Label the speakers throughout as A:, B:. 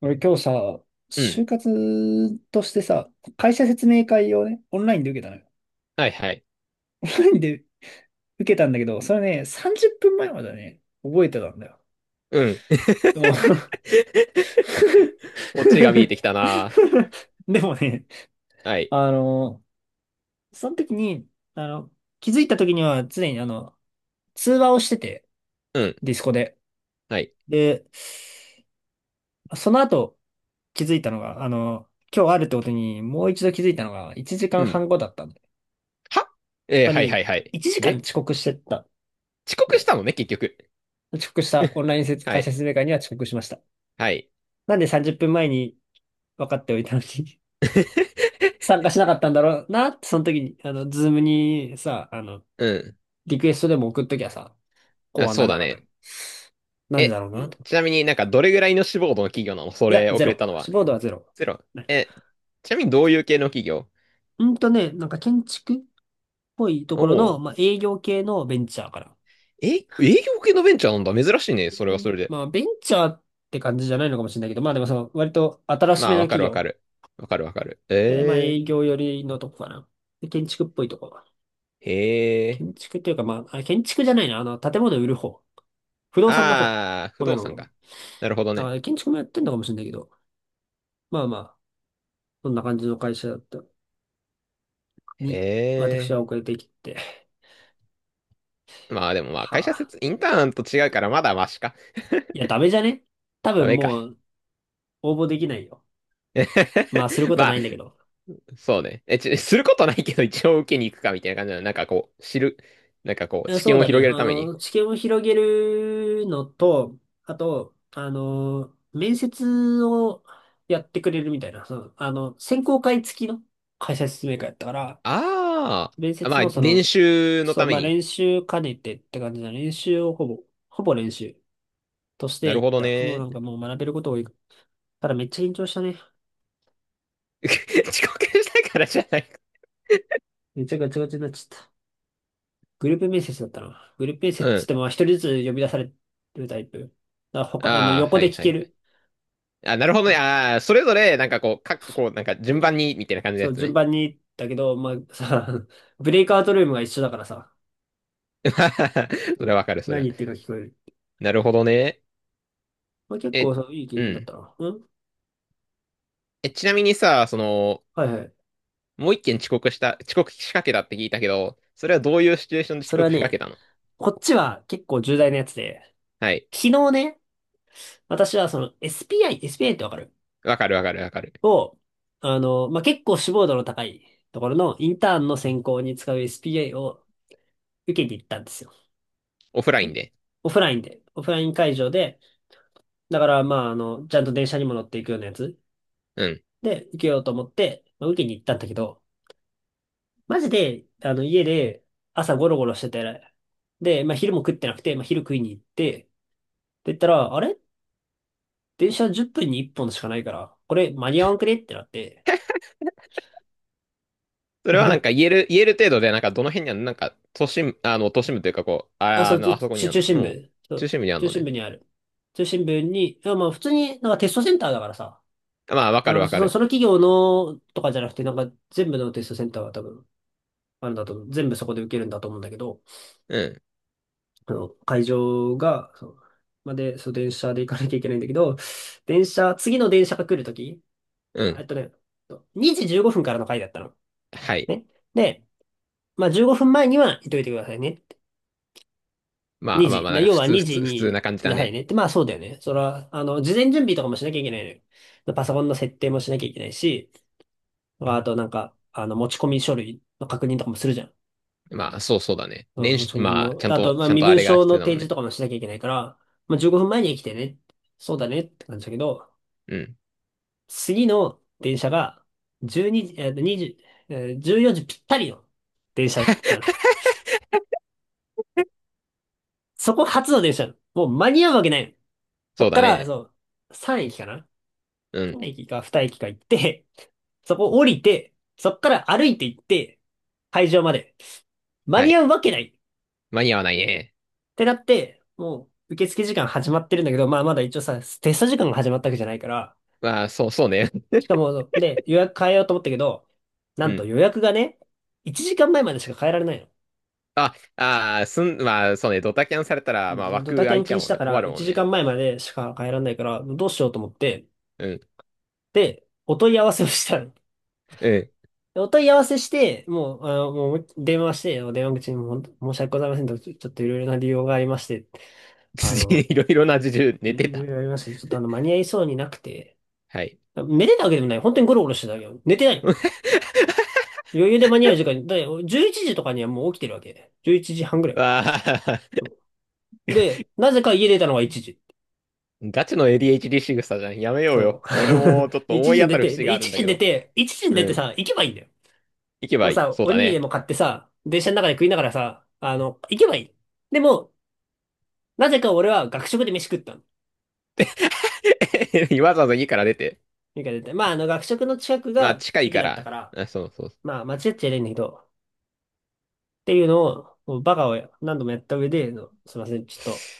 A: 俺今日さ、
B: うん。
A: 就活としてさ、会社説明会をね、オンラインで受けたのよ。
B: はいはい。
A: オンラインで受けたんだけど、それね、30分前まではね、覚えてたんだよ。
B: うん。
A: でも
B: オチが見えてきたな。
A: でもね、
B: はい。
A: あの、その時に、あの、気づいた時には常に通話をしてて、
B: うん。
A: ディスコで。
B: はい。
A: で、その後気づいたのが、今日あるってことにもう一度気づいたのが1時
B: う
A: 間
B: ん。
A: 半後だったんだよ。
B: は
A: つ
B: えー、
A: ま
B: はいは
A: り、
B: いはい。
A: 1時間
B: で、
A: 遅刻してった。
B: 遅刻したのね、結局。
A: 遅刻した。オンライン
B: は
A: 会社
B: い。
A: 説明会には遅刻しました。
B: はい。
A: なんで30分前に分かっておいたのに 参 加しなかったんだろうなって、その時に、ズームにさ、
B: うん。
A: リクエストでも送っときゃさ、こう
B: あ、
A: は
B: そ
A: な
B: う
A: ら
B: だ
A: なかった。
B: ね。
A: なんでだろうなと。
B: ちなみに、なんかどれぐらいの志望度の企業なの？そ
A: いや、
B: れ、遅
A: ゼ
B: れた
A: ロ。
B: の
A: 志
B: は？
A: 望度はゼロ。
B: ゼロ。
A: ね。
B: え、ちなみにどういう系の企業？
A: なんか建築っぽいと
B: お
A: ころの、
B: お
A: まあ、営業系のベンチャーから。
B: ー。え、営業系のベンチャーなんだ。珍しいね。それは
A: で
B: それで。
A: まあ、ベンチャーって感じじゃないのかもしれないけど、まあでもその、割と新し
B: ま
A: め
B: あ、
A: の
B: わか
A: 企
B: るわか
A: 業。
B: る。わかるわかる。
A: で、まあ、営業寄りのとこかな。で、建築っぽいとこ。
B: へえ。
A: 建築っていうか、まあ、あ、建築じゃないな。建物売る方。不動産の方。
B: ああ、不
A: ごめ
B: 動
A: ん
B: 産
A: ごめん。
B: か。なるほどね。
A: あ、建築もやってんのかもしれないけど。まあまあ、そんな感じの会社だった
B: へ
A: に、私は
B: え。
A: 遅れてきて。
B: まあでもまあ
A: は
B: 会社
A: あ。
B: 説、インターンと違うからまだマシか。
A: いや、ダメじゃね、多
B: ダ
A: 分
B: メか。
A: もう応募できないよ。まあ、する こ
B: ま
A: とな
B: あ、
A: いんだけど。
B: そうね。え、することないけど一応受けに行くかみたいな感じなの？なんかこう、知る。なんかこう、知
A: そう
B: 見を
A: だね。
B: 広げるために。
A: 知見を広げるのと、あと、面接をやってくれるみたいな。その、選考会付きの会社説明会やったから、
B: あ
A: 面
B: あ。ま
A: 接
B: あ、
A: のそ
B: 練
A: の、
B: 習の
A: そう、
B: ため
A: まあ
B: に。
A: 練習兼ねてって感じな練習をほぼ、ほぼ練習とし
B: な
A: て
B: る
A: いっ
B: ほど
A: た。もうな
B: ね。
A: んかもう学べること多い。ただめっちゃ緊張したね。
B: 遅刻したからじゃないか。
A: めっちゃガチガチになっちゃった。グループ面接だったな。グループ面接っ
B: う
A: つっ
B: ん。
A: てもまあ一人ずつ呼び出されるタイプ。だから他、
B: ああ、
A: 横
B: は
A: で
B: い
A: 聞
B: は
A: け
B: いはい。
A: る。
B: あ、なるほど
A: う
B: ね。
A: ん
B: ああ、それぞれ、なんかこう、こう、なんか
A: う
B: 順
A: ん、
B: 番に、みたいな感じの
A: そ
B: や
A: う、
B: つ
A: 順
B: ね。
A: 番に、だけど、まあさ、ブレイクアウトルームが一緒だからさ、う
B: それ
A: ん、
B: はわかる、それ
A: 何
B: は。
A: 言ってるか聞こえる。
B: なるほどね。
A: まあ結構
B: え、
A: そう、いい経
B: う
A: 験だっ
B: ん。
A: たな。うん、
B: え、ちなみにさ、その、
A: はいはい。
B: もう一件遅刻仕掛けたって聞いたけど、それはどういうシチュエーションで遅
A: それは
B: 刻仕掛け
A: ね、
B: たの？
A: こっちは結構重大なやつで、
B: はい。
A: 昨日ね、私はその SPI、SPI ってわかる
B: わかるわかるわかる。
A: を、まあ、結構志望度の高いところのインターンの選考に使う SPI を受けに行ったんですよ。
B: オフライン
A: ね。
B: で。
A: オフラインで、オフライン会場で、だからまあ、ちゃんと電車にも乗っていくようなやつ
B: うん。
A: で受けようと思って、まあ、受けに行ったんだけど、マジで、家で朝ゴロゴロしてて、で、まあ、昼も食ってなくて、まあ、昼食いに行って、って言ったら、あれ、電車10分に1本しかないから、これ間に合わんくねってなって、
B: それはなんか 言える、言える程度で、なんかどの辺にあるの？なんか、都心部というかこう、
A: あ、そう、
B: あそこにある
A: 中
B: の。
A: 心
B: もうん、
A: 部。そ
B: 中
A: う、
B: 心部にある
A: 中
B: の
A: 心
B: ね。
A: 部にある。中心部に、いや、まあ普通になんかテストセンターだからさ、
B: まあ、わかるわかる。
A: その企業のとかじゃなくて、なんか全部のテストセンターは多分、あるんだと思う。全部そこで受けるんだと思うんだけど、
B: うん。
A: 会場が、そう、まで、そう、電車で行かなきゃいけないんだけど、次の電車が来るとき、
B: う
A: あえ
B: ん。
A: っとね、2時15分からの回だったの。
B: はい。
A: ね。で、まあ15分前には行っといてくださいね。
B: まあ
A: 2
B: まあ
A: 時。
B: まあ、なんか
A: 要
B: 普
A: は
B: 通、
A: 2
B: 普
A: 時
B: 通、普通
A: に
B: な感じ
A: い
B: だ
A: なさい
B: ね。
A: ね。って、まあそうだよね。それは、事前準備とかもしなきゃいけないのよ。パソコンの設定もしなきゃいけないし、あとなんか、持ち込み書類の確認とかもするじゃん。
B: まあ、そうそうだね。
A: うん、
B: 練
A: 持
B: 習、
A: ち込み
B: まあ、
A: の。あと、まあ
B: ちゃん
A: 身
B: とあ
A: 分
B: れが
A: 証
B: 必
A: の
B: 要だ
A: 提
B: もん
A: 示
B: ね。
A: とかもしなきゃいけないから、まあ15分前に来てね。そうだねって感じだけど、
B: うん。
A: 次の電車が12時、20、14時ぴったりの電車なの。そこが初の電車なの。もう間に合うわけないの。
B: そ
A: こ
B: う
A: っ
B: だ
A: から、
B: ね。
A: そう、3駅かな。
B: う
A: 駅か
B: ん。
A: 2駅か行って、そこ降りて、そっから歩いて行って、会場まで。間
B: は
A: に
B: い。
A: 合うわけないっ
B: 間に合わないね。
A: てなって、もう受付時間始まってるんだけど、まあまだ一応さ、テスト時間が始まったわけじゃないから、
B: まあ、そうね。
A: しかも、で、予約変えようと思ったけど、な
B: う
A: んと
B: ん。
A: 予約がね、1時間前までしか変えられないの。
B: あ、まあ、そうね。ドタキャンされた
A: う
B: ら、まあ、
A: ん、ド
B: 枠
A: タキ
B: 空
A: ャ
B: い
A: ン
B: ちゃ
A: 禁
B: う
A: 止
B: もん
A: だ
B: ね。
A: か
B: 困
A: ら、
B: るも
A: 1
B: ん
A: 時
B: ね。
A: 間前までしか変えられないから、どうしようと思って、
B: うん、
A: で、お問い合わせをしたの。
B: うん。
A: お問い合わせして、もう、もう電話して、電話口にも申し訳ございませんと、ちょっといろいろな理由がありまして、あ の、
B: いろいろな事情
A: い
B: 寝て
A: いろい
B: た。
A: ろありまして、ちょっと間に合いそうになくて、
B: はい。
A: 寝てたわけでもない。本当にゴロゴロしてたわけよ。寝てない。余裕で間に合う時間に、だって11時とかにはもう起きてるわけ。11時半ぐらい。
B: わあ、
A: で、なぜか家出たのが1時。
B: ガチの ADHD 仕草じゃん。やめよう
A: そ
B: よ。
A: う。
B: 俺もちょっ
A: で
B: と
A: 1
B: 思い
A: 時に
B: 当
A: 出
B: たる
A: て、
B: 節
A: で、
B: があるん
A: 1
B: だ
A: 時に
B: け
A: 出
B: ど。
A: て、1時に出
B: う
A: てさ、
B: ん。
A: 行けばいいんだよ。
B: 行け
A: も
B: ば
A: う
B: いい。
A: さ、
B: そう
A: お
B: だ
A: にぎりで
B: ね。
A: も買ってさ、電車の中で食いながらさ、行けばいい。でも、なぜか俺は学食で飯食ったの。
B: わざわざ家から出て。
A: てか絶対まあ、学食の近く
B: まあ、
A: が
B: 近い
A: 駅
B: か
A: だったか
B: ら。
A: ら、
B: あ、そうそう。
A: まあ、間違っちゃいないんだけど、っていうのを、もうバカを何度もやった上で、すいません、ちょっと、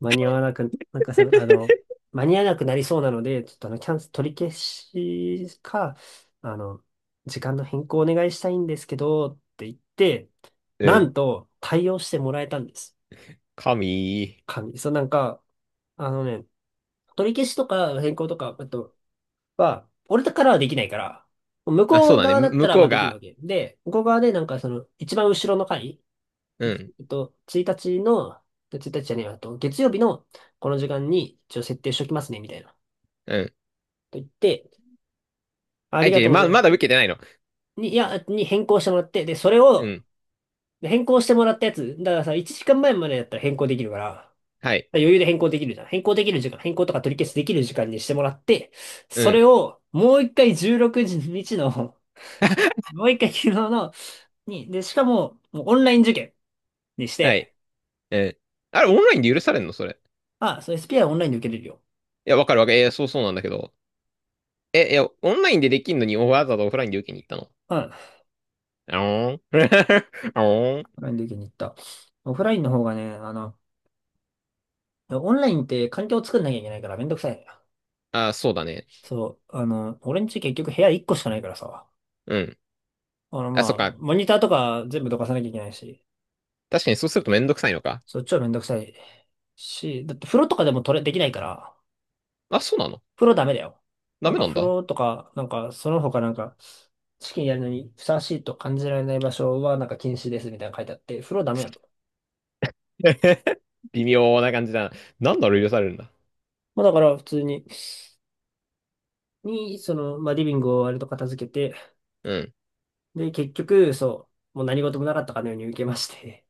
A: 間に合わなく、なんかさ、間に合わなくなりそうなので、ちょっとキャンセル取り消しか、あの、時間の変更お願いしたいんですけど、って言って、
B: う
A: な
B: ん。
A: んと、対応してもらえたんです。
B: 神。
A: 神。そう、なんか、あのね、取り消しとか変更とか、あと、は、俺からはできないから、向
B: あ、そう
A: こう
B: だね。
A: 側だった
B: 向
A: ら
B: こ
A: まあ
B: う
A: できるわ
B: が。
A: け。で、向こう側でなんかその、一番後ろの回、
B: う
A: いち
B: ん。
A: えっと、1日の、1日じゃねえわ、あと月曜日のこの時間に一応設定しときますね、みたいな。
B: うん。
A: と言って、あ
B: あ、
A: りが
B: 違
A: と
B: う、
A: うござ
B: ま、
A: いま
B: ま
A: す。
B: だ受
A: で
B: けてないの？
A: に、いや、に変更してもらって、で、それ
B: う
A: を、
B: ん。
A: で変更してもらったやつ、だからさ、1時間前までだったら変更できるから、だから
B: はい。
A: 余裕で変更できるじゃん。変更できる時間、変更とか取り消しできる時間にしてもらって、
B: う
A: そ
B: ん。
A: れをもう一回16日のもう一回昨日の、に、で、しかも、もうオンライン受験にし
B: はい。
A: て、
B: うん。あれ、オンラインで許されんのそれ？
A: あ、そう、SPI オンラインで受けれるよ。
B: いや、わかるわかる。そうそうなんだけど。え、いや、オンラインでできんのにわざわざオフラインで受けに行ったの？
A: うん。オン
B: あおん あおん
A: ラインで受けに行った。オフラインの方がね、オンラインって環境を作んなきゃいけないからめんどくさいのよ。
B: あ、そうだね。
A: そう、俺んち結局部屋1個しかないからさ、
B: うん。あ、そっか。
A: モニターとか全部どかさなきゃいけないし、
B: 確かにそうするとめんどくさいのか。
A: そう、超めんどくさいし、だって風呂とかでもできないから、
B: あ、そうなの？
A: 風呂ダメだよ。
B: ダ
A: なん
B: メ
A: か
B: なん
A: 風
B: だ。
A: 呂とか、なんかその他なんか、試験やるのにふさわしいと感じられない場所はなんか禁止ですみたいなの書いてあって、風呂ダメなんだよ。
B: 微妙な感じだな。なんだろう、許されるんだ。
A: まあだから普通に、まあリビングを割と片付けて、
B: うん。
A: で、結局、そう、もう何事もなかったかのように受けまして、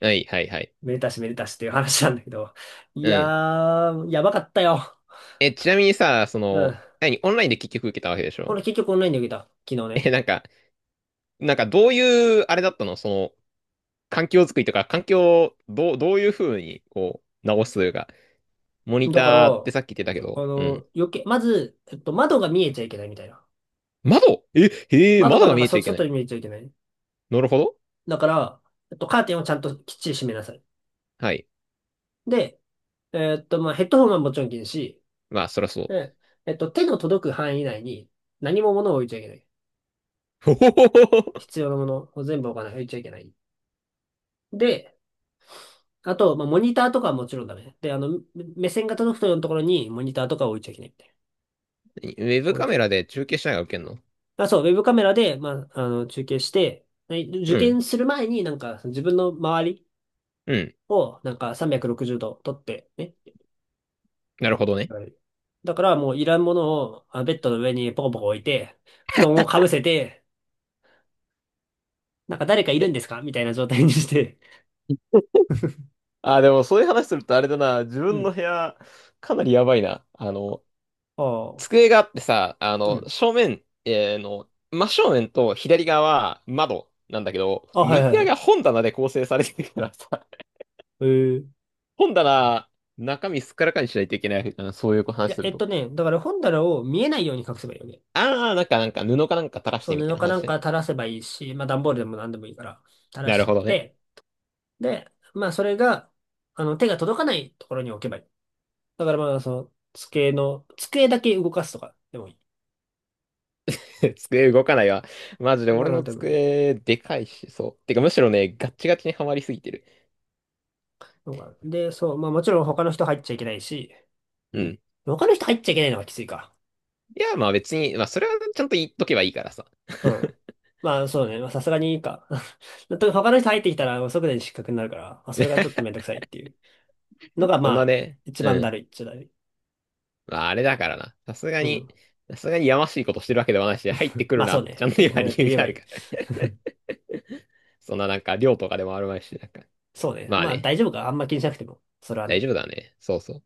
B: はい、はい、はい。
A: めでたしめでたしっていう話なんだけど、い
B: う
A: や
B: ん。
A: ー、やばかったよ。
B: え、ちなみにさ、そ
A: う
B: の、
A: ん。
B: 何、オンラインで結局受けたわけでしょ？
A: 俺結局オンラインで受けた。昨日ね。
B: え、なんか、どういう、あれだったのその、環境づくりとか、環境をどういうふうに、こう、直すというか、モニ
A: だから、
B: ターってさっき言ってたけど、うん。
A: 余計、まず、窓が見えちゃいけないみたいな。
B: 窓え、へえ、
A: 窓
B: 窓
A: が
B: が
A: なん
B: 見
A: か
B: えち
A: そ
B: ゃいけな
A: 外
B: い。
A: に見えちゃいけない。
B: なるほど。
A: だから、カーテンをちゃんときっちり閉めなさい。
B: はい。
A: で、ヘッドホンはもちろん禁止。
B: まあ、そりゃそう。
A: で、手の届く範囲内に何も物を置いちゃいけない。
B: ほほほほ
A: 必要なものを全部置かない、置いちゃいけない。で、あと、まあ、モニターとかはもちろんダメ。で、目線が届くようなところにモニターとか置いちゃいけないみたいな。
B: ウェブ
A: こうい
B: カメ
A: う。
B: ラで中継しながら受けんの？
A: あ、そう、ウェブカメラで、中継して、はい受
B: うん。
A: 験する前になんか自分の周り
B: うん。
A: をなんか360度撮ってね。
B: なるほどね。
A: はい。だからもういらんものをあベッドの上にポコポコ置いて、布団をかぶせて、なんか誰かいるん
B: え、
A: ですかみたいな状態にして、
B: あ、でもそういう話するとあれだな、自
A: う
B: 分の
A: ん。
B: 部屋、かなりやばいな。あの、
A: ああ、
B: 机があってさ、あ
A: う
B: の、
A: ん。
B: 正面、えーの、真正面と左側は窓なんだけど、
A: あ、はいは
B: 右
A: い
B: 側
A: は
B: が
A: い。
B: 本棚で構成されてるからさ、
A: えー、い
B: 本棚、中身すっからかにしないといけない。あのそういう話すると。
A: だから本棚を見えないように隠せばいいよね。
B: ああ、なんか、布かなんか垂らし
A: そう、
B: てみたい
A: 布
B: な
A: かな
B: 話
A: んか
B: ね。
A: 垂らせばいいし、まあ段ボールでも何でもいいから、垂ら
B: な
A: し
B: る
A: ちゃっ
B: ほどね。
A: て、で、まあそれが、手が届かないところに置けばいい。だからまあ、机だけ動かすとかでもいい。
B: 机動かないわ。マジで
A: 動か
B: 俺
A: なく
B: の
A: てもいい
B: 机、でかいし、そう。てか、むしろね、ガッチガチにはまりすぎてる。
A: のかな。で、そう、まあもちろん他の人入っちゃいけないし、
B: うん。
A: 他の人入っちゃいけないのがきついか。
B: いや、まあ別に、まあそれはちゃんと言っとけばいいからさ。
A: うん。まあ、そうね。まあ、さすがにいいか。と他の人入ってきたら、即座に失格になるから、まあ、それがちょっとめんどくさいっていうのが、ま
B: そんな
A: あ、
B: ね、
A: 一
B: う
A: 番だ
B: ん。
A: るいっちゃだるい。
B: まああれだからな。さすが
A: う
B: に、
A: ん。
B: さすがにやましいことしてるわけではないし、入ってく
A: ま
B: る
A: あ、
B: な
A: そう
B: って、ち
A: ね。
B: ゃんと
A: 入ってく
B: 今
A: れ
B: 理
A: って
B: 由
A: 言え
B: が
A: ば
B: あ
A: い
B: る
A: い。
B: から。そんななんか、量とかでもあるまいし、なんか。
A: そうね。
B: まあ
A: まあ、
B: ね、
A: 大丈夫か。あんま気にしなくても。それは
B: 大
A: ね。
B: 丈夫だね。そうそう。